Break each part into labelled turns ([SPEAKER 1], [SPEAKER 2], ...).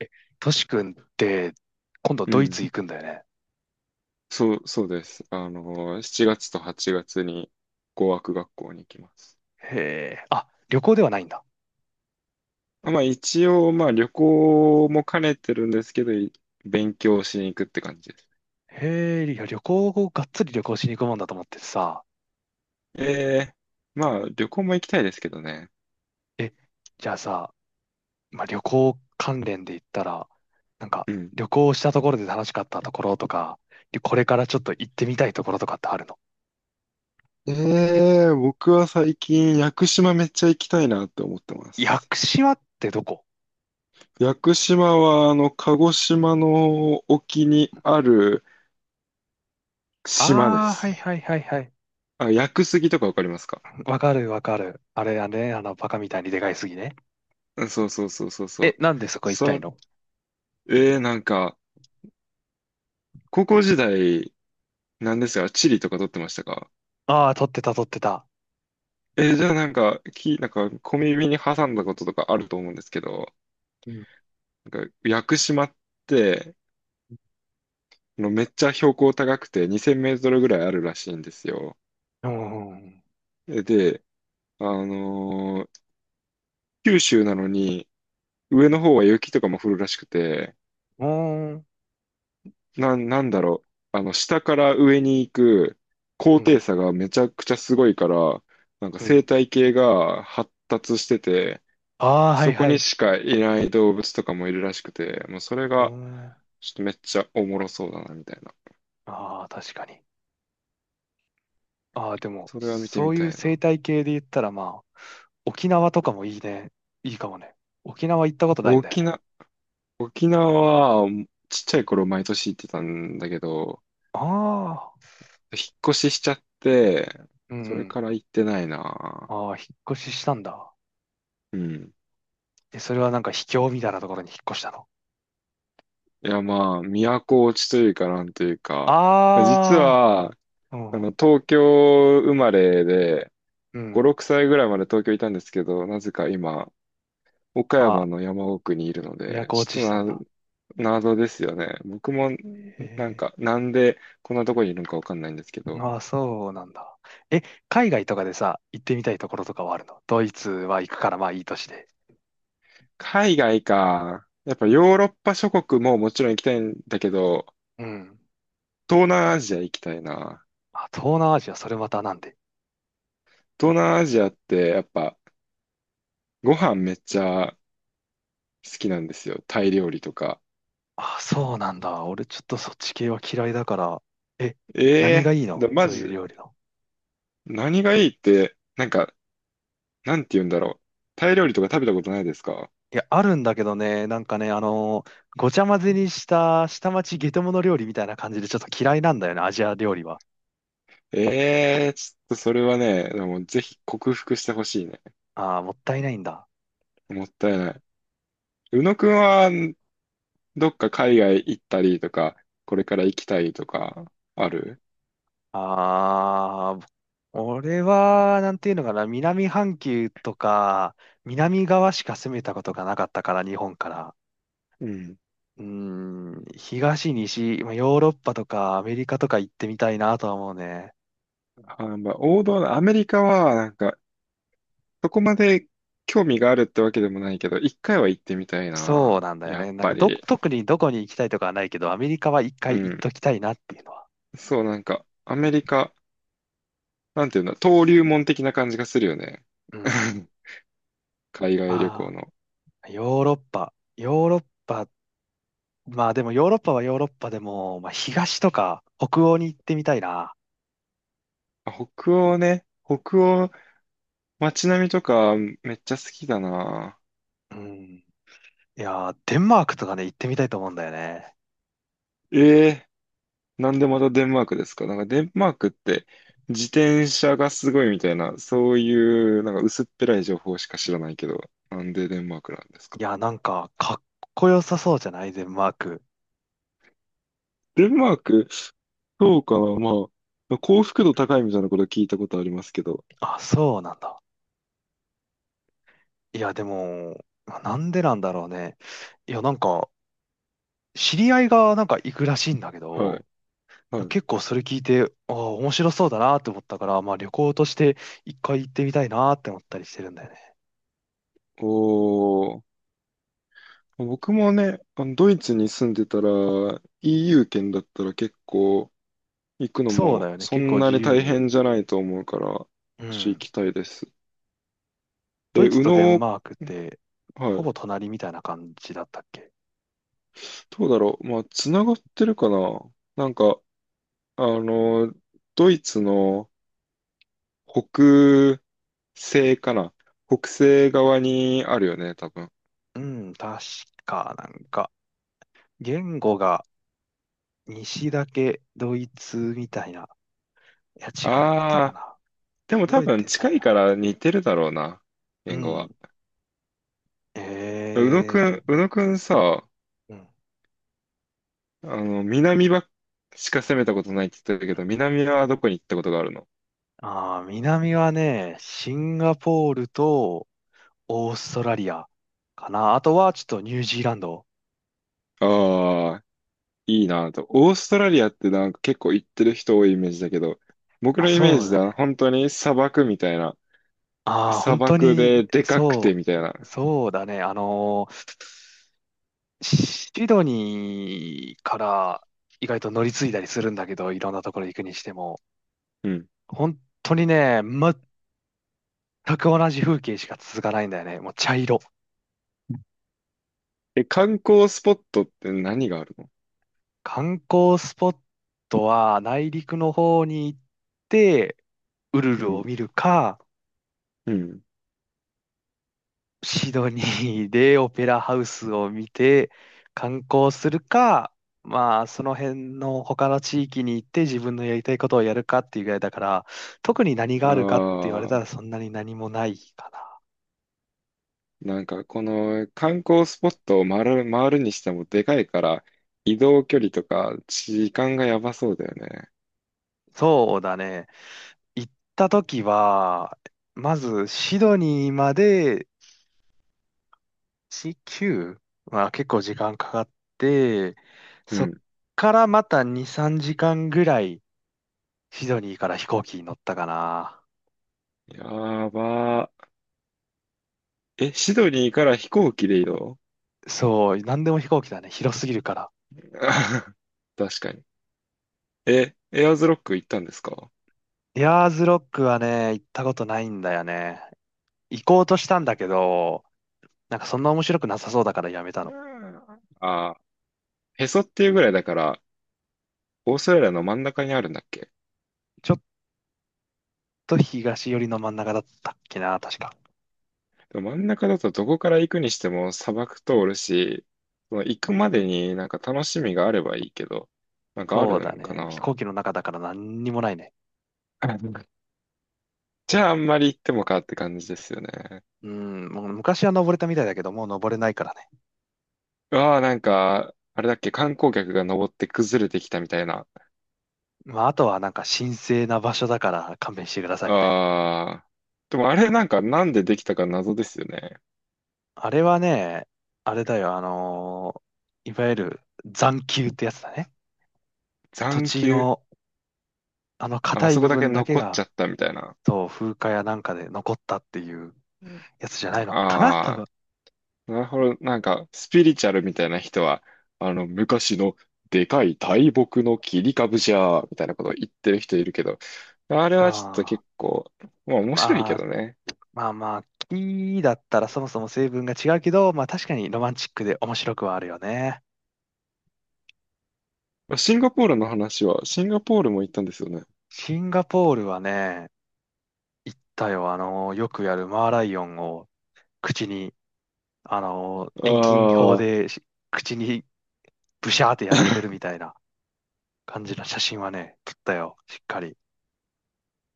[SPEAKER 1] えトシ君って今度
[SPEAKER 2] う
[SPEAKER 1] ドイ
[SPEAKER 2] ん。
[SPEAKER 1] ツ行くんだよね。
[SPEAKER 2] そう、そうです。7月と8月に語学学校に行きます。
[SPEAKER 1] へえ。あ、旅行ではないんだ。
[SPEAKER 2] まあ一応、まあ旅行も兼ねてるんですけど、勉強しに行くって感じです。
[SPEAKER 1] へえ、いや、旅行をがっつり旅行しに行くもんだと思ってさ。
[SPEAKER 2] ええ、まあ旅行も行きたいですけどね。
[SPEAKER 1] え、じゃあさ、まあ、旅行関連で言ったら、なんか
[SPEAKER 2] うん。
[SPEAKER 1] 旅行したところで楽しかったところとか、でこれからちょっと行ってみたいところとかってあるの？
[SPEAKER 2] ええ、僕は最近屋久島めっちゃ行きたいなって思ってま
[SPEAKER 1] 屋
[SPEAKER 2] す。
[SPEAKER 1] 久島ってどこ？
[SPEAKER 2] 屋久島は鹿児島の沖にある島で
[SPEAKER 1] ああー、はい
[SPEAKER 2] す。
[SPEAKER 1] はいはいはい。
[SPEAKER 2] あ、屋久杉とかわかりますか？
[SPEAKER 1] わかるわかる。あれあれ、あの、バカみたいにでかいすぎね。
[SPEAKER 2] うん、そうそうそうそうそ
[SPEAKER 1] え、
[SPEAKER 2] う。
[SPEAKER 1] なんでそこ行きたい
[SPEAKER 2] そ
[SPEAKER 1] の？
[SPEAKER 2] えー、なんか、高校時代、なんですが、地理とか取ってましたか？
[SPEAKER 1] ああー、撮ってた撮ってた。
[SPEAKER 2] じゃあなんか、なんか、小耳に挟んだこととかあると思うんですけど、
[SPEAKER 1] うん。
[SPEAKER 2] なんか、屋久島って、めっちゃ標高高くて2000メートルぐらいあるらしいんですよ。
[SPEAKER 1] うんうんうん。
[SPEAKER 2] で、あのー九州なのに、上の方は雪とかも降るらしくて、
[SPEAKER 1] おーん。
[SPEAKER 2] なんだろう、下から上に行く
[SPEAKER 1] う
[SPEAKER 2] 高低
[SPEAKER 1] ん。
[SPEAKER 2] 差がめちゃくちゃすごいから、なんか
[SPEAKER 1] う
[SPEAKER 2] 生
[SPEAKER 1] ん。
[SPEAKER 2] 態系が発達してて、
[SPEAKER 1] ああ、はい
[SPEAKER 2] そこ
[SPEAKER 1] は
[SPEAKER 2] に
[SPEAKER 1] い。
[SPEAKER 2] しかいない動物とかもいるらしくて、もうそれ
[SPEAKER 1] おー
[SPEAKER 2] が
[SPEAKER 1] ん。
[SPEAKER 2] ちょっとめっちゃおもろそうだなみたいな。
[SPEAKER 1] ああ、確かに。ああ、でも、
[SPEAKER 2] それは見て
[SPEAKER 1] そ
[SPEAKER 2] み
[SPEAKER 1] う
[SPEAKER 2] た
[SPEAKER 1] いう
[SPEAKER 2] い
[SPEAKER 1] 生
[SPEAKER 2] な。
[SPEAKER 1] 態系で言ったら、まあ、沖縄とかもいいね。いいかもね。沖縄行ったことないんだよ
[SPEAKER 2] 沖
[SPEAKER 1] ね。
[SPEAKER 2] 縄、沖縄はちっちゃい頃毎年行ってたんだけど、
[SPEAKER 1] ああ、
[SPEAKER 2] 引っ越ししちゃって、
[SPEAKER 1] うん
[SPEAKER 2] そ
[SPEAKER 1] う
[SPEAKER 2] れ
[SPEAKER 1] ん。
[SPEAKER 2] から行ってないな。
[SPEAKER 1] ああ、引っ越ししたんだ。
[SPEAKER 2] うん。
[SPEAKER 1] え、それはなんか秘境みたいなところに引っ越したの？
[SPEAKER 2] いやまあ、都落ちというかなんというか、実
[SPEAKER 1] あ
[SPEAKER 2] は、
[SPEAKER 1] あ、うんうん
[SPEAKER 2] 東京生まれで、
[SPEAKER 1] う
[SPEAKER 2] 5、
[SPEAKER 1] ん。
[SPEAKER 2] 6歳ぐらいまで東京いたんですけど、なぜか今、岡
[SPEAKER 1] あ
[SPEAKER 2] 山
[SPEAKER 1] あ、
[SPEAKER 2] の山奥にいるので、
[SPEAKER 1] 都落
[SPEAKER 2] ち
[SPEAKER 1] ちしたん
[SPEAKER 2] ょっとな、
[SPEAKER 1] だ。
[SPEAKER 2] 謎ですよね。僕も、
[SPEAKER 1] へ
[SPEAKER 2] なん
[SPEAKER 1] え。
[SPEAKER 2] か、なんでこんなとこにいるのかわかんないんですけど。
[SPEAKER 1] ああ、そうなんだ。え、海外とかでさ、行ってみたいところとかはあるの？ドイツは行くからまあいいとして。
[SPEAKER 2] 海外か。やっぱヨーロッパ諸国ももちろん行きたいんだけど、
[SPEAKER 1] うん。
[SPEAKER 2] 東南アジア行きたいな。
[SPEAKER 1] あ、東南アジア、それまたなんで？
[SPEAKER 2] 東南アジアってやっぱご飯めっちゃ好きなんですよ。タイ料理とか。
[SPEAKER 1] あ、そうなんだ。俺ちょっとそっち系は嫌いだから。え、
[SPEAKER 2] え
[SPEAKER 1] 何が
[SPEAKER 2] え
[SPEAKER 1] いいの？
[SPEAKER 2] 、マ
[SPEAKER 1] そうい
[SPEAKER 2] ジ、
[SPEAKER 1] う料理の。
[SPEAKER 2] 何がいいって、なんか、なんて言うんだろう。タイ料理とか食べたことないですか？
[SPEAKER 1] いや、あるんだけどね、なんかね、ごちゃ混ぜにした下町ゲトモノ料理みたいな感じでちょっと嫌いなんだよね、アジア料理は。
[SPEAKER 2] ええ、ちょっとそれはね、でもぜひ克服してほしいね。
[SPEAKER 1] あーもったいないんだ。
[SPEAKER 2] もったいない。宇野くんは、どっか海外行ったりとか、これから行きたいとか、ある？
[SPEAKER 1] あー俺は、なんていうのかな、南半球とか、南側しか攻めたことがなかったから、日本から。
[SPEAKER 2] うん。
[SPEAKER 1] うーん、東、西、まあ、ヨーロッパとかアメリカとか行ってみたいなとは思うね。
[SPEAKER 2] あ、まあ、王道のアメリカは、なんか、そこまで興味があるってわけでもないけど、一回は行ってみたい
[SPEAKER 1] そう
[SPEAKER 2] な。
[SPEAKER 1] なんだよ
[SPEAKER 2] やっ
[SPEAKER 1] ね。なん
[SPEAKER 2] ぱ
[SPEAKER 1] か
[SPEAKER 2] り。
[SPEAKER 1] 特にどこに行きたいとかはないけど、アメリカは一回
[SPEAKER 2] う
[SPEAKER 1] 行っ
[SPEAKER 2] ん。
[SPEAKER 1] ときたいなっていうのは。
[SPEAKER 2] そう、なんか、アメリカ、なんていうんだ、登竜門的な感じがするよね。
[SPEAKER 1] うん。
[SPEAKER 2] 海外旅行
[SPEAKER 1] ま
[SPEAKER 2] の。
[SPEAKER 1] あ、ヨーロッパ。ヨーロッパ。まあでもヨーロッパはヨーロッパでも、まあ東とか北欧に行ってみたいな。
[SPEAKER 2] あ、北欧ね。北欧、街並みとか、めっちゃ好きだな。
[SPEAKER 1] うん。いやー、デンマークとかね、行ってみたいと思うんだよね。
[SPEAKER 2] ええ、なんでまたデンマークですか？なんかデンマークって自転車がすごいみたいな、そういうなんか薄っぺらい情報しか知らないけど、なんでデンマークなんです
[SPEAKER 1] い
[SPEAKER 2] か？
[SPEAKER 1] やー、なんか、かっこよさそうじゃないデンマーク？
[SPEAKER 2] デンマーク、そうかな、まあ、幸福度高いみたいなこと聞いたことありますけど、
[SPEAKER 1] あ、そうなんだ。いや、でも、まあなんでなんだろうね。いや、なんか、知り合いがなんか行くらしいんだけ
[SPEAKER 2] は
[SPEAKER 1] ど、
[SPEAKER 2] い、はい。
[SPEAKER 1] 結構それ聞いて、ああ、面白そうだなって思ったから、まあ旅行として一回行ってみたいなって思ったりしてるんだよね。
[SPEAKER 2] おー、僕もね、ドイツに住んでたら EU 圏だったら結構行くの
[SPEAKER 1] そう
[SPEAKER 2] も
[SPEAKER 1] だよね。
[SPEAKER 2] そ
[SPEAKER 1] 結
[SPEAKER 2] ん
[SPEAKER 1] 構
[SPEAKER 2] な
[SPEAKER 1] 自
[SPEAKER 2] に
[SPEAKER 1] 由
[SPEAKER 2] 大
[SPEAKER 1] に。
[SPEAKER 2] 変じゃないと思うから、
[SPEAKER 1] う
[SPEAKER 2] 行
[SPEAKER 1] ん。
[SPEAKER 2] きたいです。え、
[SPEAKER 1] ドイツ
[SPEAKER 2] 宇
[SPEAKER 1] とデン
[SPEAKER 2] 野、
[SPEAKER 1] マークって、
[SPEAKER 2] は
[SPEAKER 1] ほ
[SPEAKER 2] い。
[SPEAKER 1] ぼ隣みたいな感じだったっけ？
[SPEAKER 2] どうだろう。まあ、つながってるかな。なんか、あの、ドイツの北西かな。北西側にあるよね、多分。
[SPEAKER 1] うん、確か、なんか、言語が西だけドイツみたいな。いや、違ったか
[SPEAKER 2] ああ、
[SPEAKER 1] な？
[SPEAKER 2] でも多
[SPEAKER 1] 覚え
[SPEAKER 2] 分
[SPEAKER 1] てな
[SPEAKER 2] 近
[SPEAKER 1] い
[SPEAKER 2] いか
[SPEAKER 1] な。
[SPEAKER 2] ら似てるだろうな、
[SPEAKER 1] う
[SPEAKER 2] 言語は。
[SPEAKER 1] ん。ええ
[SPEAKER 2] 宇野くんさ、
[SPEAKER 1] うん。
[SPEAKER 2] 南しか攻めたことないって言ってたけど、南はどこに行ったことがあるの？
[SPEAKER 1] ああ南はね、シンガポールとオーストラリアかな。あとはちょっとニュージーランド。
[SPEAKER 2] ああー、いいなと。オーストラリアってなんか結構行ってる人多いイメージだけど、僕
[SPEAKER 1] あ、
[SPEAKER 2] のイメー
[SPEAKER 1] そう
[SPEAKER 2] ジ
[SPEAKER 1] だ
[SPEAKER 2] だ、
[SPEAKER 1] ね。
[SPEAKER 2] 本当に砂漠みたいな。
[SPEAKER 1] ああ、
[SPEAKER 2] 砂
[SPEAKER 1] 本当
[SPEAKER 2] 漠
[SPEAKER 1] に、
[SPEAKER 2] ででかくて
[SPEAKER 1] そ
[SPEAKER 2] みたいな。
[SPEAKER 1] う、そうだね。シドニーから意外と乗り継いだりするんだけど、いろんなところ行くにしても、
[SPEAKER 2] うん。
[SPEAKER 1] 本当にね、全く同じ風景しか続かないんだよね。もう茶色。
[SPEAKER 2] え、観光スポットって何があるの？
[SPEAKER 1] 観光スポットは内陸の方に行ってウル
[SPEAKER 2] う
[SPEAKER 1] ル
[SPEAKER 2] ん。
[SPEAKER 1] を見るか、
[SPEAKER 2] うん。
[SPEAKER 1] シドニーでオペラハウスを見て観光するか、まあその辺の他の地域に行って自分のやりたいことをやるかっていうぐらいだから、特に何があ
[SPEAKER 2] あ
[SPEAKER 1] るかって言われた
[SPEAKER 2] あ、
[SPEAKER 1] らそんなに何もないかな。
[SPEAKER 2] なんかこの観光スポットを回るにしてもでかいから移動距離とか時間がやばそうだよね。
[SPEAKER 1] そうだね。行った時は、まずシドニーまで19は結構時間かかって、
[SPEAKER 2] う
[SPEAKER 1] そっ
[SPEAKER 2] ん。
[SPEAKER 1] からまた2、3時間ぐらいシドニーから飛行機に乗ったかな。
[SPEAKER 2] やばー。え、シドニーから飛行機で移動？
[SPEAKER 1] そう、なんでも飛行機だね。広すぎるから。
[SPEAKER 2] あー 確かに。え、エアーズロック行ったんですか？
[SPEAKER 1] エアーズロックはね、行ったことないんだよね。行こうとしたんだけど、なんかそんな面白くなさそうだからやめた
[SPEAKER 2] う
[SPEAKER 1] の。
[SPEAKER 2] ん、ああ、へそっていうぐらいだから、オーストラリアの真ん中にあるんだっけ？
[SPEAKER 1] ちょっと東寄りの真ん中だったっけな、確か。
[SPEAKER 2] でも真ん中だとどこから行くにしても砂漠通るし、その行くまでになんか楽しみがあればいいけど、なんかあ
[SPEAKER 1] そ
[SPEAKER 2] る
[SPEAKER 1] うだ
[SPEAKER 2] んか
[SPEAKER 1] ね。飛
[SPEAKER 2] な。
[SPEAKER 1] 行機の中だから何にもないね。
[SPEAKER 2] あ、なんか、じゃああんまり行ってもかって感じですよね。
[SPEAKER 1] うん、もう昔は登れたみたいだけど、もう登れないからね。
[SPEAKER 2] うわあ、なんか、あれだっけ、観光客が登って崩れてきたみたいな。
[SPEAKER 1] まあ、あとはなんか神聖な場所だから勘弁してくださいみたいな。
[SPEAKER 2] ああ、でもあれなんかなんでできたか謎ですよね。
[SPEAKER 1] あれはね、あれだよ、いわゆる残丘ってやつだね。土
[SPEAKER 2] 残
[SPEAKER 1] 地
[SPEAKER 2] 丘、
[SPEAKER 1] のあの
[SPEAKER 2] ああ
[SPEAKER 1] 硬い
[SPEAKER 2] そ
[SPEAKER 1] 部
[SPEAKER 2] こだけ
[SPEAKER 1] 分だけ
[SPEAKER 2] 残っち
[SPEAKER 1] が、
[SPEAKER 2] ゃったみたいな。
[SPEAKER 1] そう、風化やなんかで残ったっていうやつじゃないのかな、多
[SPEAKER 2] あ、
[SPEAKER 1] 分。
[SPEAKER 2] なるほど。なんか、スピリチュアルみたいな人は、昔のでかい大木の切り株じゃー、みたいなことを言ってる人いるけど、あれ
[SPEAKER 1] あ
[SPEAKER 2] はちょっと
[SPEAKER 1] ー
[SPEAKER 2] 結構、まあ面白い
[SPEAKER 1] ま
[SPEAKER 2] け
[SPEAKER 1] あ、
[SPEAKER 2] どね。
[SPEAKER 1] まあまあ、木だったらそもそも成分が違うけど、まあ確かにロマンチックで面白くはあるよね。
[SPEAKER 2] シンガポールの話は、シンガポールも行ったんですよね。
[SPEAKER 1] シンガポールはね、行ったよ、よくやるマーライオンを口に遠近法
[SPEAKER 2] あ
[SPEAKER 1] で口にブシャーってやられてるみたいな感じの写真はね、撮ったよ、しっかり。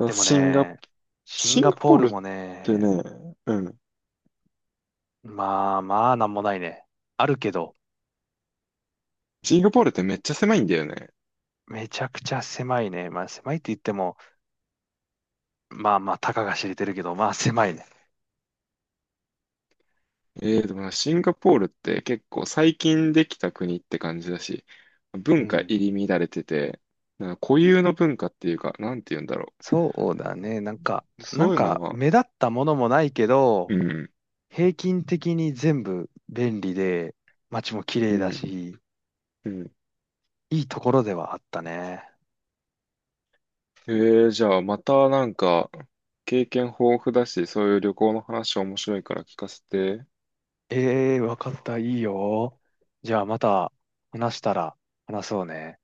[SPEAKER 2] あ、
[SPEAKER 1] で もね、シン
[SPEAKER 2] シン
[SPEAKER 1] ガ
[SPEAKER 2] ガ
[SPEAKER 1] ポ
[SPEAKER 2] ポ
[SPEAKER 1] ー
[SPEAKER 2] ール
[SPEAKER 1] ル
[SPEAKER 2] っ
[SPEAKER 1] も
[SPEAKER 2] て
[SPEAKER 1] ね、
[SPEAKER 2] ね、うん。
[SPEAKER 1] まあまあなんもないね。あるけど、
[SPEAKER 2] シンガポールってめっちゃ狭いんだよね。
[SPEAKER 1] めちゃくちゃ狭いね。まあ狭いって言っても、まあまあたかが知れてるけど、まあ狭いね。
[SPEAKER 2] ええー、でもなシンガポールって結構最近できた国って感じだし、
[SPEAKER 1] う
[SPEAKER 2] 文化
[SPEAKER 1] ん。
[SPEAKER 2] 入り乱れてて、なんか固有の文化っていうか、なんて言うんだろ
[SPEAKER 1] そうだね。なんか、
[SPEAKER 2] う。
[SPEAKER 1] なん
[SPEAKER 2] そういうの
[SPEAKER 1] か
[SPEAKER 2] は、
[SPEAKER 1] 目立ったものもないけど、
[SPEAKER 2] うん、
[SPEAKER 1] 平均的に全部便利で、街も綺
[SPEAKER 2] う
[SPEAKER 1] 麗だ
[SPEAKER 2] ん、
[SPEAKER 1] し、
[SPEAKER 2] うん。
[SPEAKER 1] いいところではあったね。
[SPEAKER 2] ええー、じゃあまたなんか経験豊富だし、そういう旅行の話面白いから聞かせて。
[SPEAKER 1] ええー、わかった。いいよ。じゃあまた話したら話そうね。